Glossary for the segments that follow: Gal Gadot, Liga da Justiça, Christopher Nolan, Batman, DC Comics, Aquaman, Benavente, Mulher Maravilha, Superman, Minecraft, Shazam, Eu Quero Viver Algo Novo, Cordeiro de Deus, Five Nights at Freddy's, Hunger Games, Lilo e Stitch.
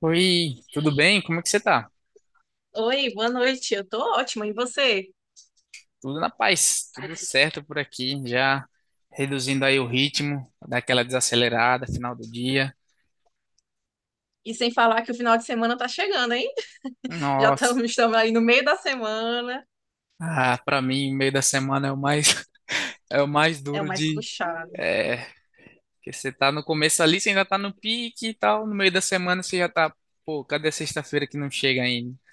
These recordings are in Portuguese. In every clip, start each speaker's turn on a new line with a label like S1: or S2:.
S1: Oi, tudo bem? Como é que você tá?
S2: Oi, boa noite. Eu tô ótima, e você?
S1: Tudo na paz, tudo certo por aqui, já reduzindo aí o ritmo, daquela desacelerada, final do dia.
S2: E sem falar que o final de semana tá chegando, hein? Já
S1: Nossa,
S2: estamos, estamos aí no meio da semana.
S1: ah, para mim, meio da semana é o mais é o mais
S2: É o
S1: duro
S2: mais
S1: de
S2: puxado.
S1: é, que você tá no começo ali, você ainda tá no pique e tal, no meio da semana você já tá, pô, cadê a sexta-feira que não chega ainda?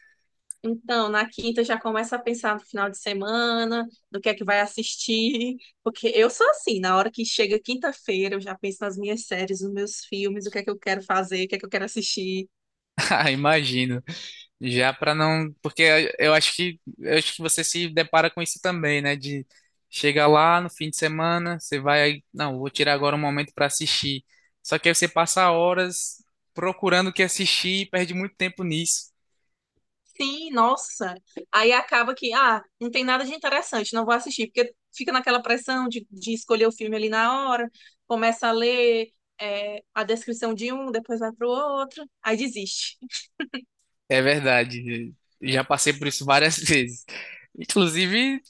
S2: Então, na quinta já começa a pensar no final de semana, do que é que vai assistir, porque eu sou assim, na hora que chega quinta-feira, eu já penso nas minhas séries, nos meus filmes, o que é que eu quero fazer, o que é que eu quero assistir.
S1: Ah, imagino. Já para não, porque eu acho que você se depara com isso também, né? De chegar lá no fim de semana, você vai, aí, não, vou tirar agora um momento para assistir. Só que aí você passa horas procurando o que assistir e perde muito tempo nisso.
S2: Sim, nossa. Aí acaba que, ah, não tem nada de interessante, não vou assistir, porque fica naquela pressão de escolher o filme ali na hora, começa a ler a descrição de um, depois vai pro outro, aí desiste.
S1: É verdade. Já passei por isso várias vezes. Inclusive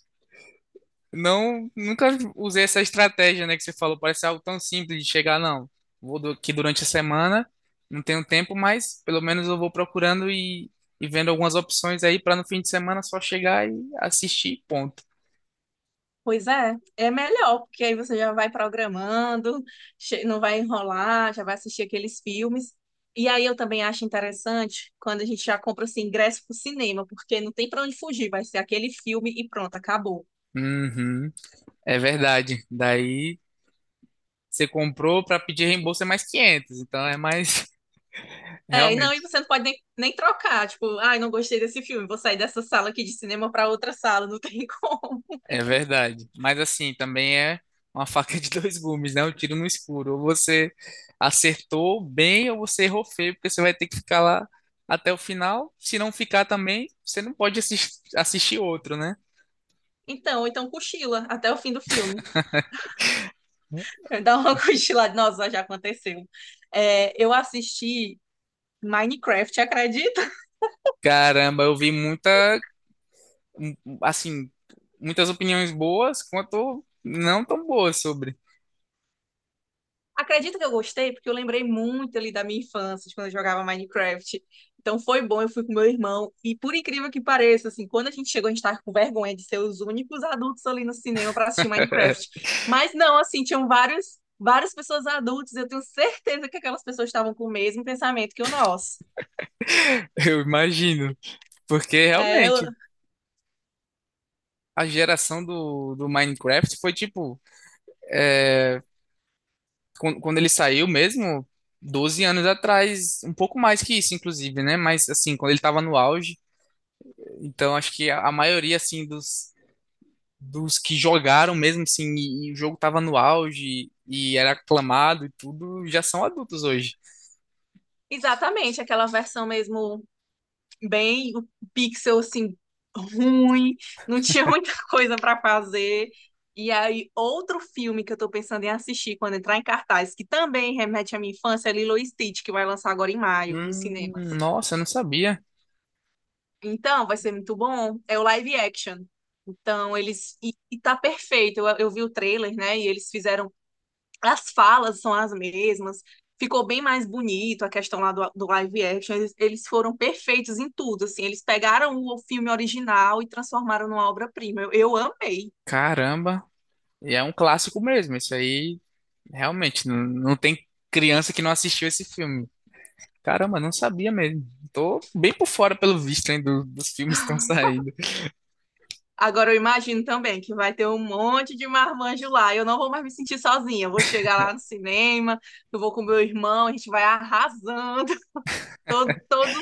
S1: Não, nunca usei essa estratégia, né, que você falou. Parece algo tão simples de chegar, não. Vou aqui durante a semana, não tenho tempo, mas pelo menos eu vou procurando e vendo algumas opções aí para no fim de semana só chegar e assistir, ponto.
S2: Pois é, é melhor, porque aí você já vai programando, não vai enrolar, já vai assistir aqueles filmes. E aí eu também acho interessante quando a gente já compra assim, ingresso pro cinema, porque não tem pra onde fugir, vai ser aquele filme e pronto, acabou.
S1: Uhum, é verdade. Daí você comprou para pedir reembolso é mais 500 então é mais
S2: É, e
S1: realmente.
S2: não, e você não pode nem, nem trocar, tipo, ai, não gostei desse filme, vou sair dessa sala aqui de cinema pra outra sala, não tem como.
S1: É verdade. Mas assim, também é uma faca de dois gumes, né? Um tiro no escuro. Ou você acertou bem ou você errou feio, porque você vai ter que ficar lá até o final. Se não ficar também, você não pode assistir outro, né?
S2: Então, então cochila até o fim do filme. Dá uma cochilada, nossa, já aconteceu. É, eu assisti Minecraft, acredita?
S1: Caramba, eu vi muita, um, assim, muitas opiniões boas quanto não tão boas sobre.
S2: Acredita que eu gostei? Porque eu lembrei muito ali da minha infância, de quando eu jogava Minecraft. Então foi bom, eu fui com meu irmão. E por incrível que pareça, assim, quando a gente chegou, a gente tava com vergonha de ser os únicos adultos ali no cinema para assistir Minecraft. Mas não, assim, tinham vários, várias pessoas adultas. Eu tenho certeza que aquelas pessoas estavam com o mesmo pensamento que o nosso.
S1: Eu imagino. Porque
S2: É, eu-
S1: realmente a geração do Minecraft foi tipo. Quando ele saiu mesmo, 12 anos atrás, um pouco mais que isso, inclusive, né? Mas assim, quando ele tava no auge, então acho que a maioria assim dos que jogaram mesmo assim, e o jogo tava no auge e era aclamado e tudo, já são adultos hoje.
S2: Exatamente, aquela versão mesmo bem o pixel assim ruim, não tinha muita coisa para fazer. E aí outro filme que eu tô pensando em assistir quando entrar em cartaz, que também remete à minha infância, é Lilo e Stitch, que vai lançar agora em maio nos cinemas.
S1: Nossa, eu não sabia.
S2: Então, vai ser muito bom. É o live action. Então, eles. E tá perfeito. Eu vi o trailer, né? E eles fizeram as falas são as mesmas, ficou bem mais bonito a questão lá do, do live action. Eles foram perfeitos em tudo, assim. Eles pegaram o filme original e transformaram numa obra-prima. Eu amei.
S1: Caramba, e é um clássico mesmo. Isso aí realmente não, não tem criança que não assistiu esse filme. Caramba, não sabia mesmo. Tô bem por fora pelo visto, hein, dos filmes que estão saindo.
S2: Agora eu imagino também que vai ter um monte de marmanjo lá. Eu não vou mais me sentir sozinha. Eu vou chegar lá no cinema, eu vou com meu irmão, a gente vai arrasando. Todos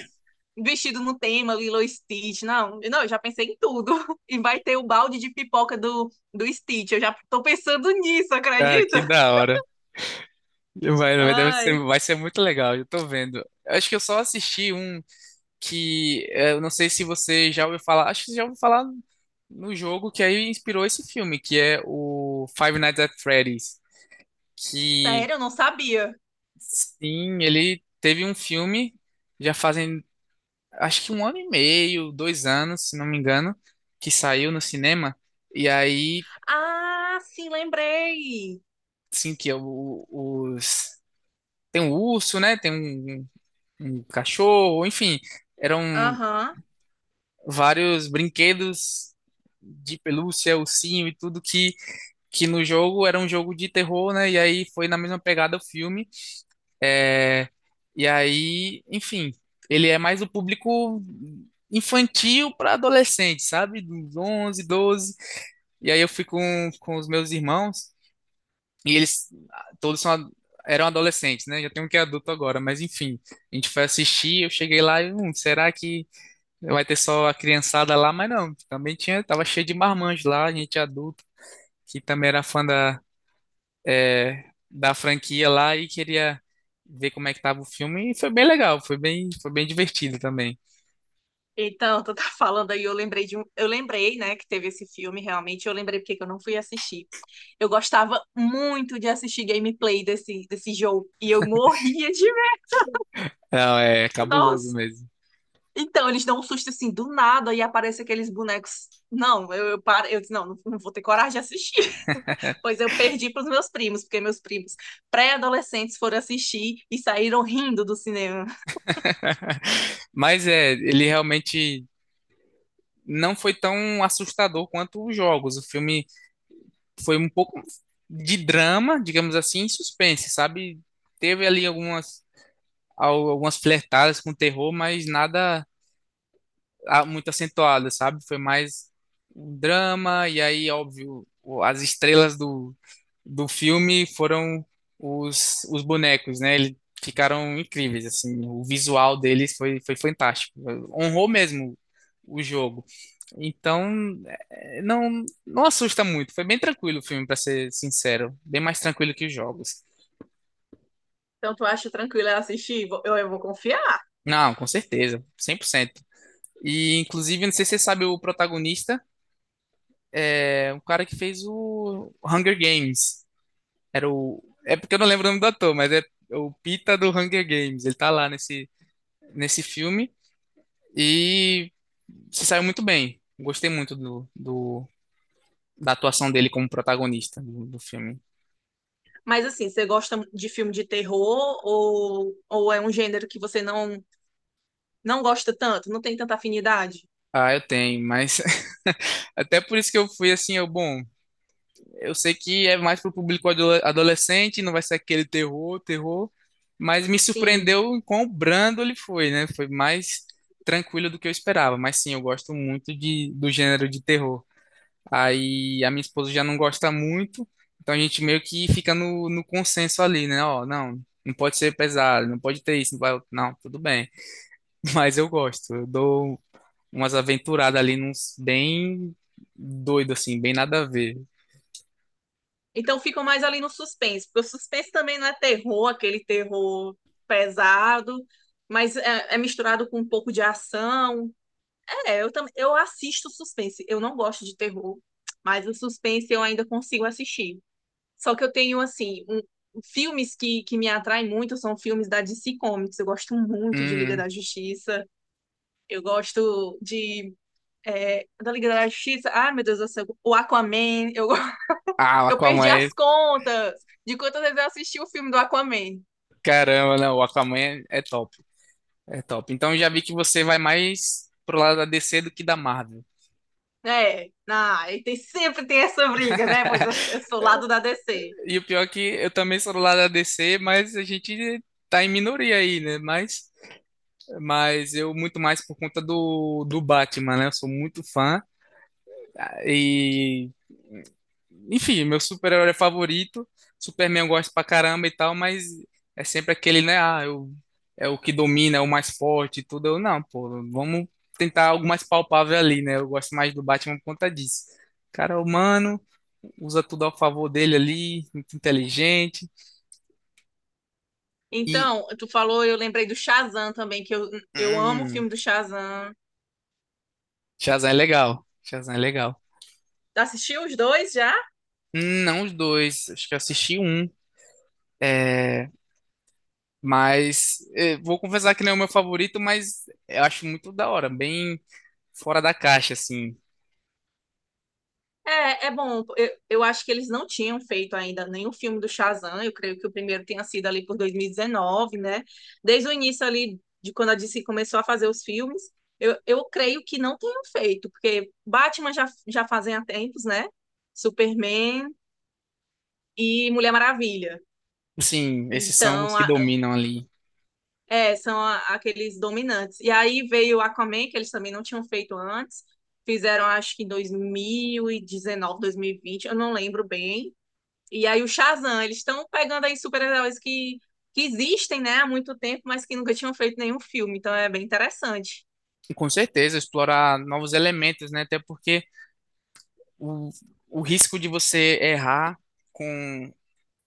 S2: vestidos no tema, Lilo e Stitch. Não, não, eu já pensei em tudo. E vai ter o balde de pipoca do, do Stitch. Eu já tô pensando nisso,
S1: Cara, que
S2: acredita?
S1: da hora. Deve ser,
S2: Ai,
S1: vai ser muito legal, eu tô vendo. Eu acho que eu só assisti um que eu não sei se você já ouviu falar. Acho que você já ouviu falar no jogo que aí inspirou esse filme, que é o Five Nights at Freddy's. Que
S2: sério, eu não sabia.
S1: sim, ele teve um filme já fazem acho que um ano e meio, dois anos, se não me engano, que saiu no cinema. E aí,
S2: Ah, sim, lembrei.
S1: sim, que é os. Tem um urso, né? Tem um um cachorro, enfim, eram
S2: Aham.
S1: vários brinquedos de pelúcia, ursinho e tudo que no jogo era um jogo de terror, né? E aí foi na mesma pegada o filme. É, e aí, enfim, ele é mais o público infantil para adolescente, sabe? Dos 11, 12 E aí eu fui com os meus irmãos e eles todos são, eram adolescentes, né? Já tem um que é adulto agora, mas enfim, a gente foi assistir, eu cheguei lá e, será que vai ter só a criançada lá, mas não. Também tinha, tava cheio de marmanjos lá, gente adulta, que também era fã é, da franquia lá e queria ver como é que tava o filme. E foi bem legal, foi bem divertido também.
S2: Então, tu tá falando aí, eu lembrei de um, eu lembrei, né, que teve esse filme, realmente, eu lembrei porque que eu não fui assistir. Eu gostava muito de assistir gameplay desse, desse jogo e eu morria de medo.
S1: Não, é cabuloso
S2: Nossa.
S1: mesmo.
S2: Então, eles dão um susto assim do nada e aparece aqueles bonecos. Não, eu paro, eu disse, não, não, não vou ter coragem de assistir. Pois eu perdi para os meus primos, porque meus primos pré-adolescentes foram assistir e saíram rindo do cinema.
S1: Mas é, ele realmente não foi tão assustador quanto os jogos. O filme foi um pouco de drama, digamos assim, e suspense, sabe? Teve ali algumas, algumas flertadas com terror, mas nada muito acentuada, sabe? Foi mais um drama, e aí, óbvio, as estrelas do filme foram os bonecos, né? Eles ficaram incríveis, assim, o visual deles foi, foi fantástico, honrou mesmo o jogo. Então, não, não assusta muito, foi bem tranquilo o filme, para ser sincero, bem mais tranquilo que os jogos.
S2: Então, tu acha tranquilo eu assistir? Eu vou confiar.
S1: Não, com certeza, 100%. E, inclusive, não sei se você sabe o protagonista. É, um cara que fez o Hunger Games. Era o. É porque eu não lembro o nome do ator, mas é o Pita do Hunger Games. Ele tá lá nesse filme e se saiu muito bem. Gostei muito da atuação dele como protagonista do filme.
S2: Mas assim, você gosta de filme de terror ou é um gênero que você não, não gosta tanto, não tem tanta afinidade?
S1: Ah, eu tenho, mas até por isso que eu fui assim, eu, bom, eu sei que é mais pro público adolescente, não vai ser aquele terror, terror, mas me
S2: Sim.
S1: surpreendeu em quão brando ele foi, né? Foi mais tranquilo do que eu esperava, mas sim, eu gosto muito de, do gênero de terror. Aí a minha esposa já não gosta muito, então a gente meio que fica no consenso ali, né? Ó, não, não pode ser pesado, não pode ter isso, não vai, não, tudo bem. Mas eu gosto, eu dou umas aventuradas ali, uns bem doido assim, bem nada a ver.
S2: Então ficam mais ali no suspense, porque o suspense também não é terror, aquele terror pesado, mas é misturado com um pouco de ação. É, eu também, eu assisto suspense. Eu não gosto de terror, mas o suspense eu ainda consigo assistir. Só que eu tenho assim, filmes que me atraem muito são filmes da DC Comics. Eu gosto muito de Liga
S1: Hum.
S2: da Justiça. Eu gosto de da Liga da Justiça. Ai, meu Deus do céu, o Aquaman. Eu
S1: Ah,
S2: Eu
S1: Aquaman
S2: perdi
S1: é
S2: as contas de quantas vezes eu assisti o filme do Aquaman,
S1: Caramba, não, o Aquaman é é top. É top. Então já vi que você vai mais pro lado da DC do que da Marvel.
S2: né? Ah, e tem, sempre tem essa briga, né? Pois eu, eu sou lado da DC.
S1: E o pior é que eu também sou do lado da DC, mas a gente tá em minoria aí, né? Mas eu muito mais por conta do Batman, né? Eu sou muito fã e enfim, meu super-herói favorito. Superman eu gosto pra caramba e tal, mas é sempre aquele, né? Ah, eu, é o que domina, é o mais forte e tudo. Eu, não, pô, vamos tentar algo mais palpável ali, né? Eu gosto mais do Batman por conta disso. O cara, é humano, usa tudo ao favor dele ali, muito inteligente. E.
S2: Então, tu falou, eu lembrei do Shazam também, eu amo o
S1: Hum,
S2: filme do Shazam.
S1: Shazam é legal. Shazam é legal.
S2: Assistiu os dois já?
S1: Não os dois, acho que eu assisti um. É, mas é, vou confessar que não é o meu favorito, mas eu acho muito da hora, bem fora da caixa, assim.
S2: É, é bom. Eu acho que eles não tinham feito ainda nenhum filme do Shazam. Eu creio que o primeiro tenha sido ali por 2019, né? Desde o início ali, de quando a DC começou a fazer os filmes, eu creio que não tenham feito, porque Batman já, já fazem há tempos, né? Superman e Mulher Maravilha.
S1: Sim, esses são os
S2: Então,
S1: que
S2: a-
S1: dominam ali.
S2: são aqueles dominantes. E aí veio Aquaman, que eles também não tinham feito antes. Fizeram, acho que em 2019, 2020, eu não lembro bem. E aí o Shazam, eles estão pegando aí super-heróis que existem, né, há muito tempo, mas que nunca tinham feito nenhum filme, então é bem interessante.
S1: Com certeza, explorar novos elementos, né? Até porque o, o risco de você errar com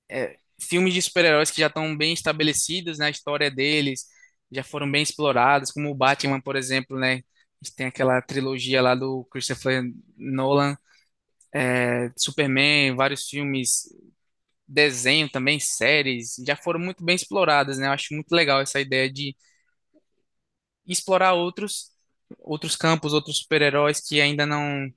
S1: é, filmes de super-heróis que já estão bem estabelecidos, né? A história deles já foram bem explorados, como o Batman, por exemplo, né? A gente tem aquela trilogia lá do Christopher Nolan, é, Superman, vários filmes, desenho também, séries, já foram muito bem exploradas, né? Eu acho muito legal essa ideia de e explorar outros outros campos, outros super-heróis que ainda não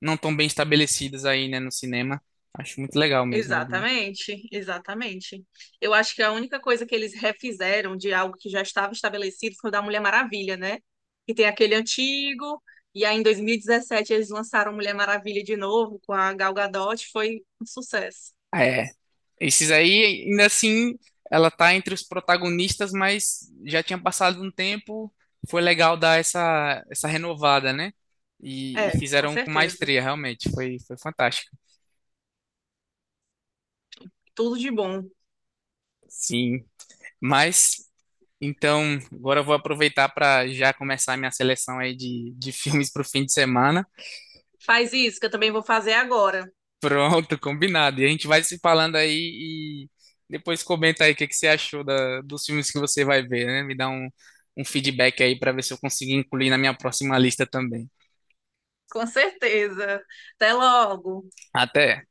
S1: não estão bem estabelecidos aí, né, no cinema. Acho muito legal mesmo, Aguinha.
S2: Exatamente, exatamente. Eu acho que a única coisa que eles refizeram de algo que já estava estabelecido foi o da Mulher Maravilha, né? Que tem aquele antigo, e aí em 2017 eles lançaram Mulher Maravilha de novo com a Gal Gadot, foi um sucesso.
S1: É, esses aí, ainda assim, ela tá entre os protagonistas, mas já tinha passado um tempo, foi legal dar essa essa renovada, né? E
S2: É, com
S1: fizeram com
S2: certeza.
S1: maestria, realmente, foi foi fantástico.
S2: Tudo de bom.
S1: Sim, mas então, agora eu vou aproveitar para já começar a minha seleção aí de filmes para o fim de semana.
S2: Faz isso que eu também vou fazer agora.
S1: Pronto, combinado. E a gente vai se falando aí e depois comenta aí o que que você achou dos filmes que você vai ver, né? Me dá um feedback aí para ver se eu consigo incluir na minha próxima lista também.
S2: Com certeza. Até logo.
S1: Até.